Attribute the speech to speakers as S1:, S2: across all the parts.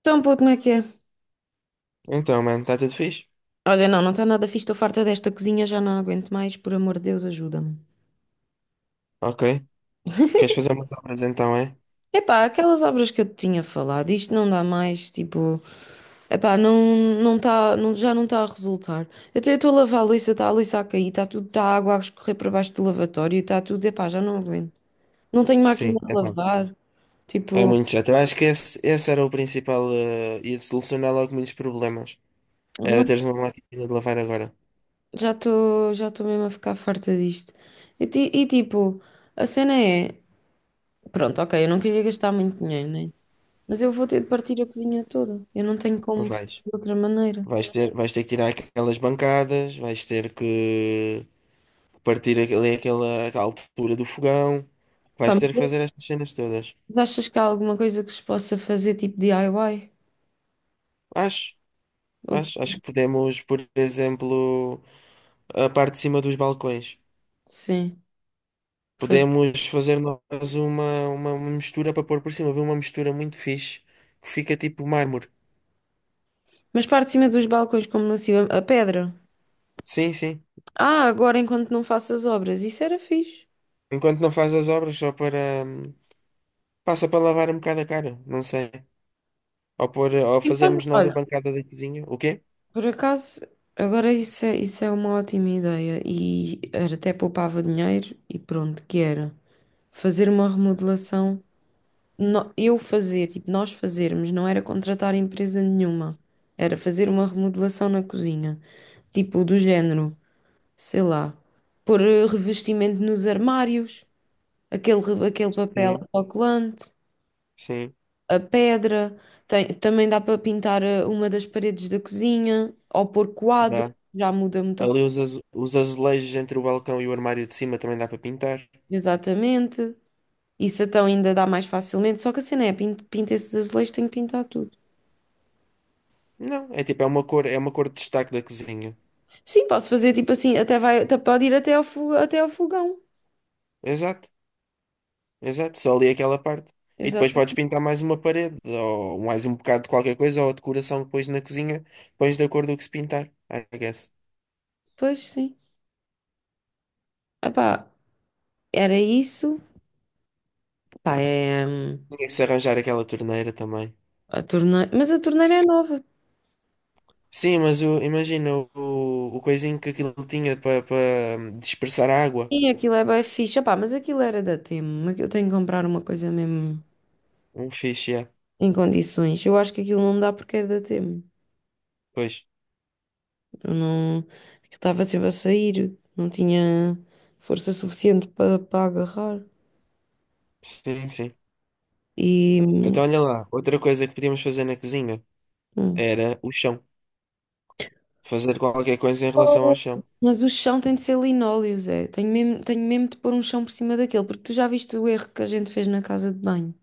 S1: Então, puto, como é que é?
S2: Então, mano, está tudo fixe?
S1: Olha, não está nada fixe, estou farta desta cozinha, já não aguento mais, por amor de Deus, ajuda-me.
S2: Ok. Queres fazer umas obras então, é?
S1: Epá, aquelas obras que eu te tinha falado, isto não dá mais, tipo, epá, não, não tá, não, já não está a resultar. Até eu estou a lavar a louça, está a louça a cair, está tudo, está a água a escorrer para baixo do lavatório, está tudo, epá, já não aguento. Não tenho máquina
S2: Sim,
S1: de
S2: é pá.
S1: lavar,
S2: É
S1: tipo,
S2: muito chato. Eu acho que esse era o principal. Ia solucionar logo muitos problemas. Era
S1: não,
S2: teres uma máquina de lavar agora.
S1: já estou mesmo a ficar farta disto. E, ti- e tipo, a cena é, pronto, ok, eu não queria gastar muito dinheiro, né? Mas eu vou ter de partir a cozinha toda. Eu não tenho como
S2: Não
S1: fazer
S2: vais.
S1: de outra maneira.
S2: Vais ter que tirar aquelas bancadas, vais ter que partir ali aquela altura do fogão,
S1: Pá,
S2: vais ter que fazer estas cenas todas.
S1: mas achas que há alguma coisa que se possa fazer tipo DIY?
S2: Acho, acho,
S1: Ou-
S2: acho que podemos, por exemplo, a parte de cima dos balcões.
S1: Sim. Fazer.
S2: Podemos fazer nós uma mistura para pôr por cima. Viu uma mistura muito fixe que fica tipo mármore.
S1: Mas parte de cima dos balcões, como não se a pedra.
S2: Sim, sim.
S1: Ah, agora enquanto não faço as obras. Isso era fixe.
S2: Enquanto não faz as obras, só para. Passa para lavar um bocado a cara, não sei. Ou, pôr, ou
S1: Então,
S2: fazermos nós a
S1: olha,
S2: bancada da cozinha. O quê?
S1: por acaso, agora isso é uma ótima ideia. E era até poupava dinheiro e pronto, que era fazer uma remodelação. Eu fazer, tipo, nós fazermos, não era contratar empresa nenhuma, era fazer uma remodelação na cozinha, tipo, do género, sei lá, pôr revestimento nos armários, aquele papel
S2: Sim,
S1: autocolante,
S2: sim,
S1: a pedra, também dá para pintar uma das paredes da cozinha, ou pôr quadro,
S2: dá.
S1: já muda muita coisa,
S2: Ali os, os azulejos entre o balcão e o armário de cima também dá para pintar.
S1: exatamente. Isso então ainda dá mais facilmente, só que a cena é, pinta esses azulejos, tenho que pintar tudo.
S2: Não, é tipo, é uma cor de destaque da cozinha.
S1: Sim, posso fazer tipo assim, até vai, até pode ir até ao fogão.
S2: Exato. Exato, só ali aquela parte. E depois
S1: Exato.
S2: podes pintar mais uma parede, ou mais um bocado de qualquer coisa, ou a decoração que pões na cozinha, pões de acordo com o que se pintar, I guess.
S1: Pois sim. Epá, era isso. Epá, é
S2: Tinha que se arranjar aquela torneira também.
S1: a torneira. Mas a torneira é nova.
S2: Sim, mas imagina o coisinho que aquilo tinha para dispersar a água.
S1: Sim, aquilo é bem fixe. Epá, mas aquilo era da Temo. Aqui- Eu tenho que comprar uma coisa mesmo
S2: Um fixe, yeah.
S1: em condições. Eu acho que aquilo não dá porque era da Temo.
S2: Pois.
S1: Eu não. Aquilo estava sempre a sair. Não tinha força suficiente para agarrar.
S2: Sim, sim.
S1: E.
S2: Então olha lá, outra coisa que podíamos fazer na cozinha
S1: Hum.
S2: era o chão. Fazer qualquer coisa em relação
S1: Oh.
S2: ao chão.
S1: Mas o chão tem de ser linóleo, Zé. Tenho mesmo de pôr um chão por cima daquele, porque tu já viste o erro que a gente fez na casa de banho.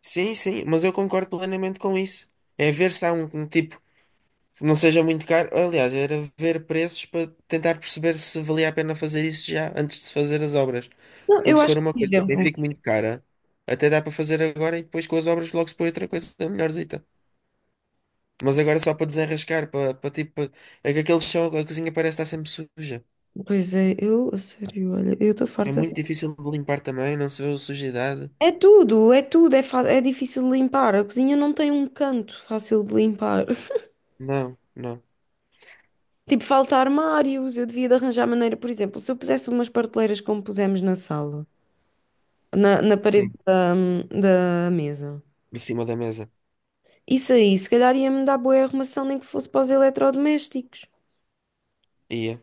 S2: Sim, sim, mas eu concordo plenamente com isso. É ver se há um tipo. Não seja muito caro. Aliás, era ver preços para tentar perceber se valia a pena fazer isso já antes de se fazer as obras.
S1: Não,
S2: Porque
S1: eu
S2: se for
S1: acho que,
S2: uma
S1: por
S2: coisa que nem
S1: exemplo,
S2: fique muito cara, até dá para fazer agora e depois com as obras logo se põe outra coisa melhorzita. Mas agora só para desenrascar, para tipo. É que aquele chão, a cozinha parece estar sempre suja.
S1: pois é, eu, a sério, olha, eu estou
S2: É
S1: farta.
S2: muito difícil de limpar também, não se vê a sujidade.
S1: É tudo, é difícil de limpar. A cozinha não tem um canto fácil de limpar.
S2: Não, não.
S1: Tipo, falta armários, eu devia de arranjar maneira, por exemplo, se eu pusesse umas prateleiras como pusemos na sala, na parede
S2: Sim,
S1: da mesa.
S2: por cima da mesa.
S1: Isso aí, se calhar ia-me dar boa arrumação, nem que fosse para os eletrodomésticos.
S2: Ia.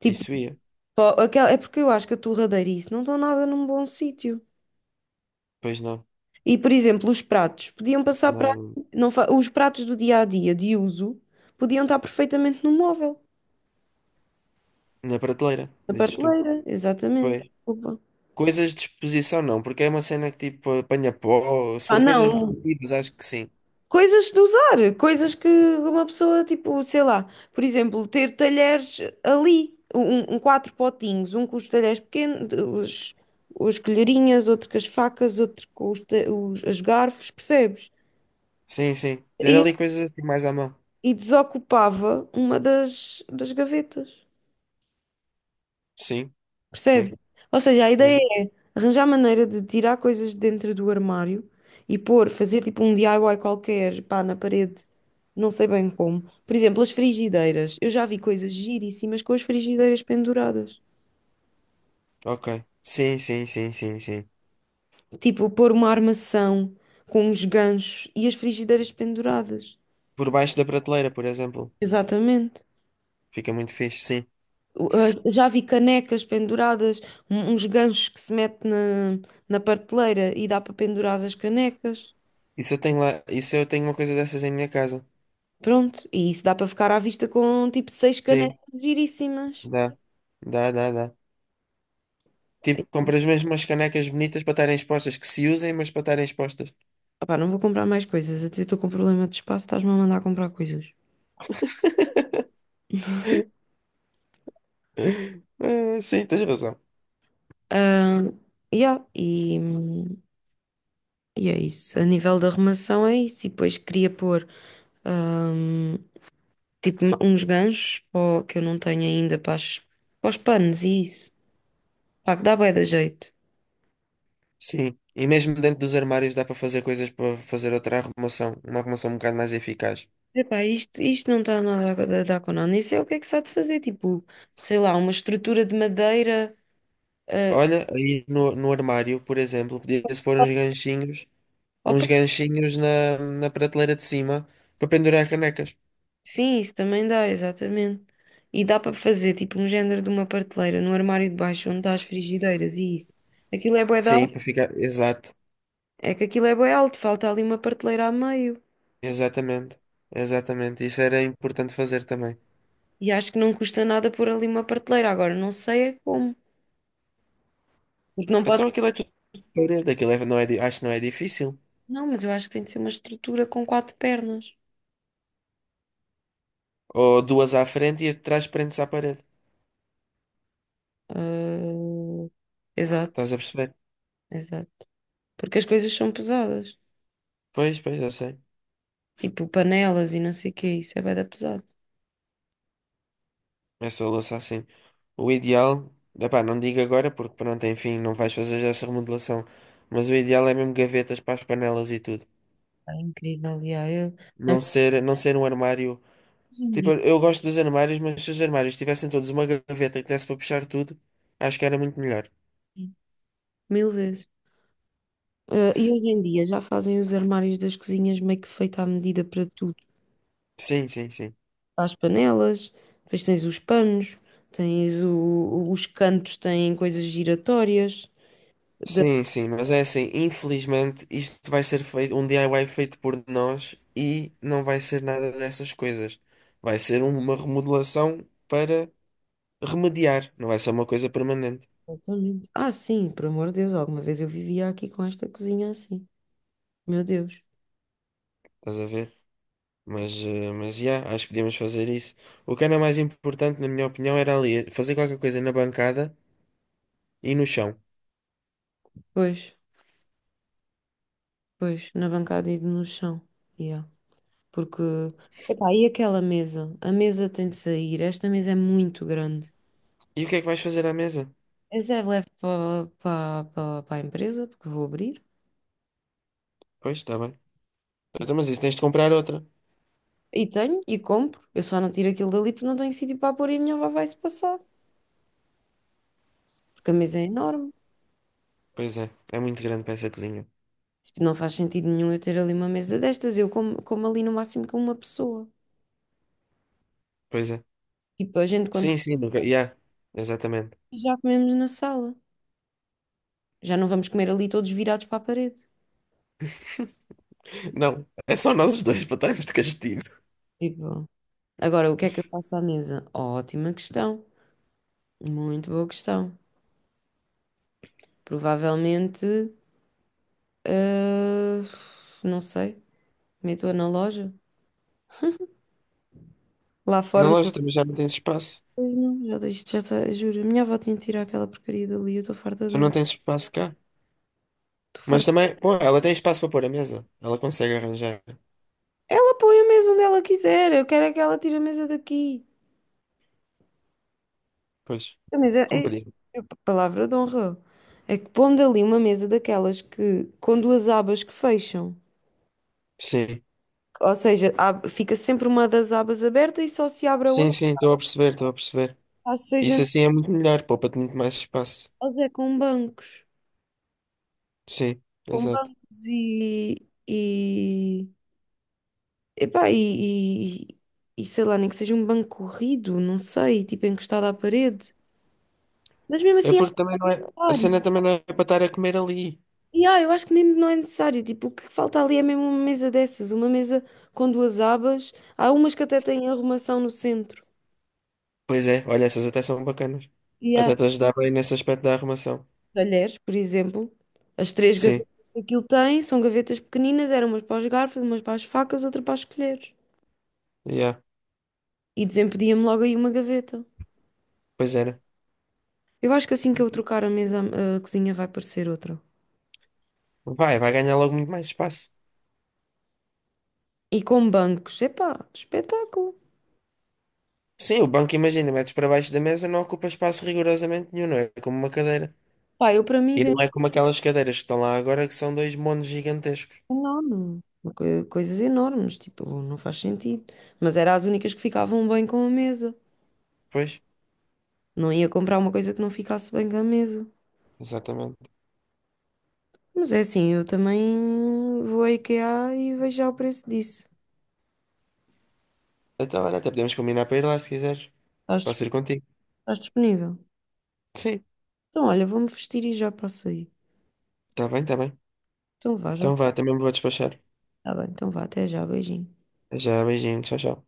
S1: Tipo,
S2: Isso ia.
S1: é porque eu acho que a torradeira e isso não estão nada num bom sítio.
S2: Pois não.
S1: E, por exemplo, os pratos podiam passar para.
S2: Nada.
S1: Não, fa- Os pratos do dia a dia de uso podiam estar perfeitamente no móvel,
S2: Na prateleira,
S1: na
S2: dizes tu.
S1: prateleira, exatamente.
S2: Pois.
S1: Opa.
S2: Coisas de exposição não, porque é uma cena que tipo apanha pó. Se
S1: Ah,
S2: for coisas
S1: não.
S2: rotativas, acho que sim.
S1: Coisas de usar, coisas que uma pessoa, tipo, sei lá, por exemplo, ter talheres ali, um quatro potinhos, um com os talheres pequenos, os colherinhas, outro com as facas, outro com as garfos, percebes?
S2: Sim, sim. Ter ali coisas assim mais à mão.
S1: E desocupava das gavetas.
S2: Sim, sim.
S1: Percebe? Ou seja, a ideia
S2: Yeah,
S1: é arranjar maneira de tirar coisas de dentro do armário e pôr, fazer tipo um DIY qualquer, pá, na parede, não sei bem como. Por exemplo, as frigideiras. Eu já vi coisas giríssimas com as frigideiras penduradas.
S2: ok. Sim, sim, sim, sim, sim.
S1: Tipo, pôr uma armação com uns ganchos e as frigideiras penduradas.
S2: Por baixo da prateleira, por exemplo.
S1: Exatamente.
S2: Fica muito fixe, sim.
S1: Uh, Já vi canecas penduradas, uns ganchos que se mete na, na prateleira e dá para pendurar as canecas.
S2: Isso eu tenho lá, isso eu tenho uma coisa dessas em minha casa.
S1: Pronto, e isso dá para ficar à vista com tipo seis
S2: Sim,
S1: canecas giríssimas.
S2: dá. Dá, dá, dá. Tipo,
S1: E,
S2: compras mesmo umas canecas bonitas para estarem expostas, que se usem, mas para estarem expostas.
S1: opá, não vou comprar mais coisas, até estou com problema de espaço, estás-me a mandar comprar coisas.
S2: Ah, sim, tens razão.
S1: Ah, yeah, e é isso. A nível da arrumação é isso. E depois queria pôr ahm, tipo uns ganchos pó, que eu não tenho ainda para os panos e isso. Pá, que dá bué da jeito.
S2: Sim, e mesmo dentro dos armários dá para fazer coisas para fazer outra arrumação, uma arrumação um bocado mais eficaz.
S1: Epá, isto não está nada a dar com nada. Nem sei o que é que se há de fazer. Tipo, sei lá, uma estrutura de madeira. ah,
S2: Olha, aí no armário, por exemplo, podia-se pôr
S1: opa,
S2: uns ganchinhos na prateleira de cima para pendurar canecas.
S1: sim, isso também dá, exatamente. E dá para fazer, tipo, um género de uma prateleira no armário de baixo, onde está as frigideiras e isso. Aquilo é bué de
S2: Sim,
S1: alto.
S2: para ficar. Exato,
S1: É que aquilo é bué alto, falta ali uma prateleira a meio.
S2: exatamente, exatamente. Isso era importante fazer também.
S1: E acho que não custa nada pôr ali uma prateleira. Agora, não sei é como. Porque não pode...
S2: Então aquilo é tudo de parede, não é, acho que não é difícil.
S1: Não, mas eu acho que tem de ser uma estrutura com quatro pernas.
S2: Ou duas à frente e atrás prendes à parede.
S1: Ah, exato,
S2: Estás a perceber?
S1: exato. Porque as coisas são pesadas.
S2: Pois, pois, eu sei.
S1: Tipo panelas e não sei o que, isso é bué da pesado.
S2: Essa louça assim. O ideal, epá, não digo agora porque pronto, enfim, não vais fazer já essa remodelação. Mas o ideal é mesmo gavetas para as panelas e tudo.
S1: É incrível, já. A-
S2: Não ser um armário.
S1: Hoje em
S2: Tipo,
S1: dia,
S2: eu gosto dos armários, mas se os armários tivessem todos uma gaveta que desse para puxar tudo, acho que era muito melhor.
S1: mil vezes. Ah, e hoje em dia já fazem os armários das cozinhas meio que feito à medida para tudo.
S2: Sim, sim, sim.
S1: As panelas, depois tens os panos, os cantos, têm coisas giratórias. Da-
S2: Sim, sim, mas é assim, infelizmente isto vai ser feito, um DIY feito por nós e não vai ser nada dessas coisas. Vai ser uma remodelação para remediar, não vai ser uma coisa permanente.
S1: Exatamente. Ah, sim, por amor de Deus, alguma vez eu vivia aqui com esta cozinha assim. Meu Deus.
S2: Estás a ver? Mas, mas yeah, acho que podíamos fazer isso. O que era mais importante, na minha opinião, era ali fazer qualquer coisa na bancada e no chão.
S1: Pois, pois, na bancada e no chão. Yeah. Porque, epá, e aquela mesa? A mesa tem de sair. Esta mesa é muito grande.
S2: E o que é que vais fazer à mesa?
S1: Essa é leve para a empresa, porque vou abrir.
S2: Pois, está bem.
S1: Tipo,
S2: Então, mas isso tens de comprar outra.
S1: e tenho, e compro. Eu só não tiro aquilo dali porque não tenho sítio para pôr e a minha avó vai-se passar. Porque a mesa é enorme.
S2: Pois é, é muito grande para essa cozinha.
S1: Tipo, não faz sentido nenhum eu ter ali uma mesa destas. Como ali no máximo com uma pessoa.
S2: Pois é.
S1: Tipo, a gente quando
S2: Sim, sim, nunca. Yeah, exatamente.
S1: já comemos na sala. Já não vamos comer ali todos virados para a parede.
S2: Não, é só nós os dois para estarmos de castigo.
S1: Tipo, agora o que é que eu faço à mesa? Ótima questão. Muito boa questão. Provavelmente, ah, não sei, meto-a na loja. Lá
S2: Na
S1: fora,
S2: loja
S1: não.
S2: também já não tens espaço.
S1: Pois não, já, isto já está, juro, a minha avó tinha de tirar aquela porcaria dali, eu estou farta
S2: Tu não
S1: de,
S2: tens espaço cá.
S1: estou
S2: Mas
S1: farta.
S2: também, pô, ela tem espaço para pôr a mesa. Ela consegue arranjar.
S1: Ela põe a mesa onde ela quiser, eu quero é que ela tire a mesa daqui.
S2: Pois,
S1: A mesa, é, é-
S2: compreendo.
S1: É, palavra de honra, é que pondo ali uma mesa daquelas que, com duas abas que fecham,
S2: Sim.
S1: ou seja, fica sempre uma das abas aberta e só se abre a
S2: Sim,
S1: outra,
S2: sim, estou a perceber, estou a perceber.
S1: ou seja,
S2: Isso assim é muito melhor, poupa-te muito mais espaço.
S1: nós é com bancos.
S2: Sim,
S1: com
S2: exato.
S1: bancos e, e, Epá, e sei lá, nem que seja um banco corrido, não sei, tipo encostado à parede. Mas mesmo
S2: É
S1: assim é
S2: porque também não é. A cena
S1: necessário.
S2: também não é para estar a comer ali.
S1: E ah, eu acho que mesmo não é necessário. Tipo, o que falta ali é mesmo uma mesa dessas, uma mesa com duas abas. Há umas que até têm arrumação no centro.
S2: Pois é, olha, essas até são bacanas.
S1: E
S2: Até
S1: há
S2: te ajudar bem nesse aspecto da arrumação.
S1: talheres, por exemplo. As três gavetas
S2: Sim,
S1: que aquilo tem são gavetas pequeninas, eram umas para os garfos, umas para as facas, outra para as colheres.
S2: yeah,
S1: E desempedia-me logo aí uma gaveta.
S2: pois era.
S1: Eu acho que assim que eu trocar a mesa, a cozinha vai parecer outra.
S2: Vai, vai ganhar logo muito mais espaço.
S1: E com bancos, epá, espetáculo.
S2: Sim, o banco, imagina, metes para baixo da mesa, não ocupa espaço rigorosamente nenhum, não é como uma cadeira.
S1: Pá, eu para mim
S2: E
S1: vendo
S2: não é como aquelas cadeiras que estão lá agora que são dois monos gigantescos.
S1: enorme. Uma Coisas enormes, tipo, não faz sentido. Mas eram as únicas que ficavam bem com a mesa.
S2: Pois,
S1: Não ia comprar uma coisa que não ficasse bem com a mesa.
S2: exatamente.
S1: Mas é assim, eu também vou à IKEA e vejo já o preço disso.
S2: Então, olha, até podemos combinar para ir lá se quiseres.
S1: Estás, dis-
S2: Posso ir contigo?
S1: estás disponível?
S2: Sim,
S1: Então, olha, vou-me vestir e já passo aí.
S2: tá bem, tá bem.
S1: Então vá, já.
S2: Então vá, também me vou despachar.
S1: Tá bem, então vá, até já, beijinho.
S2: Já, beijinho, tchau, tchau.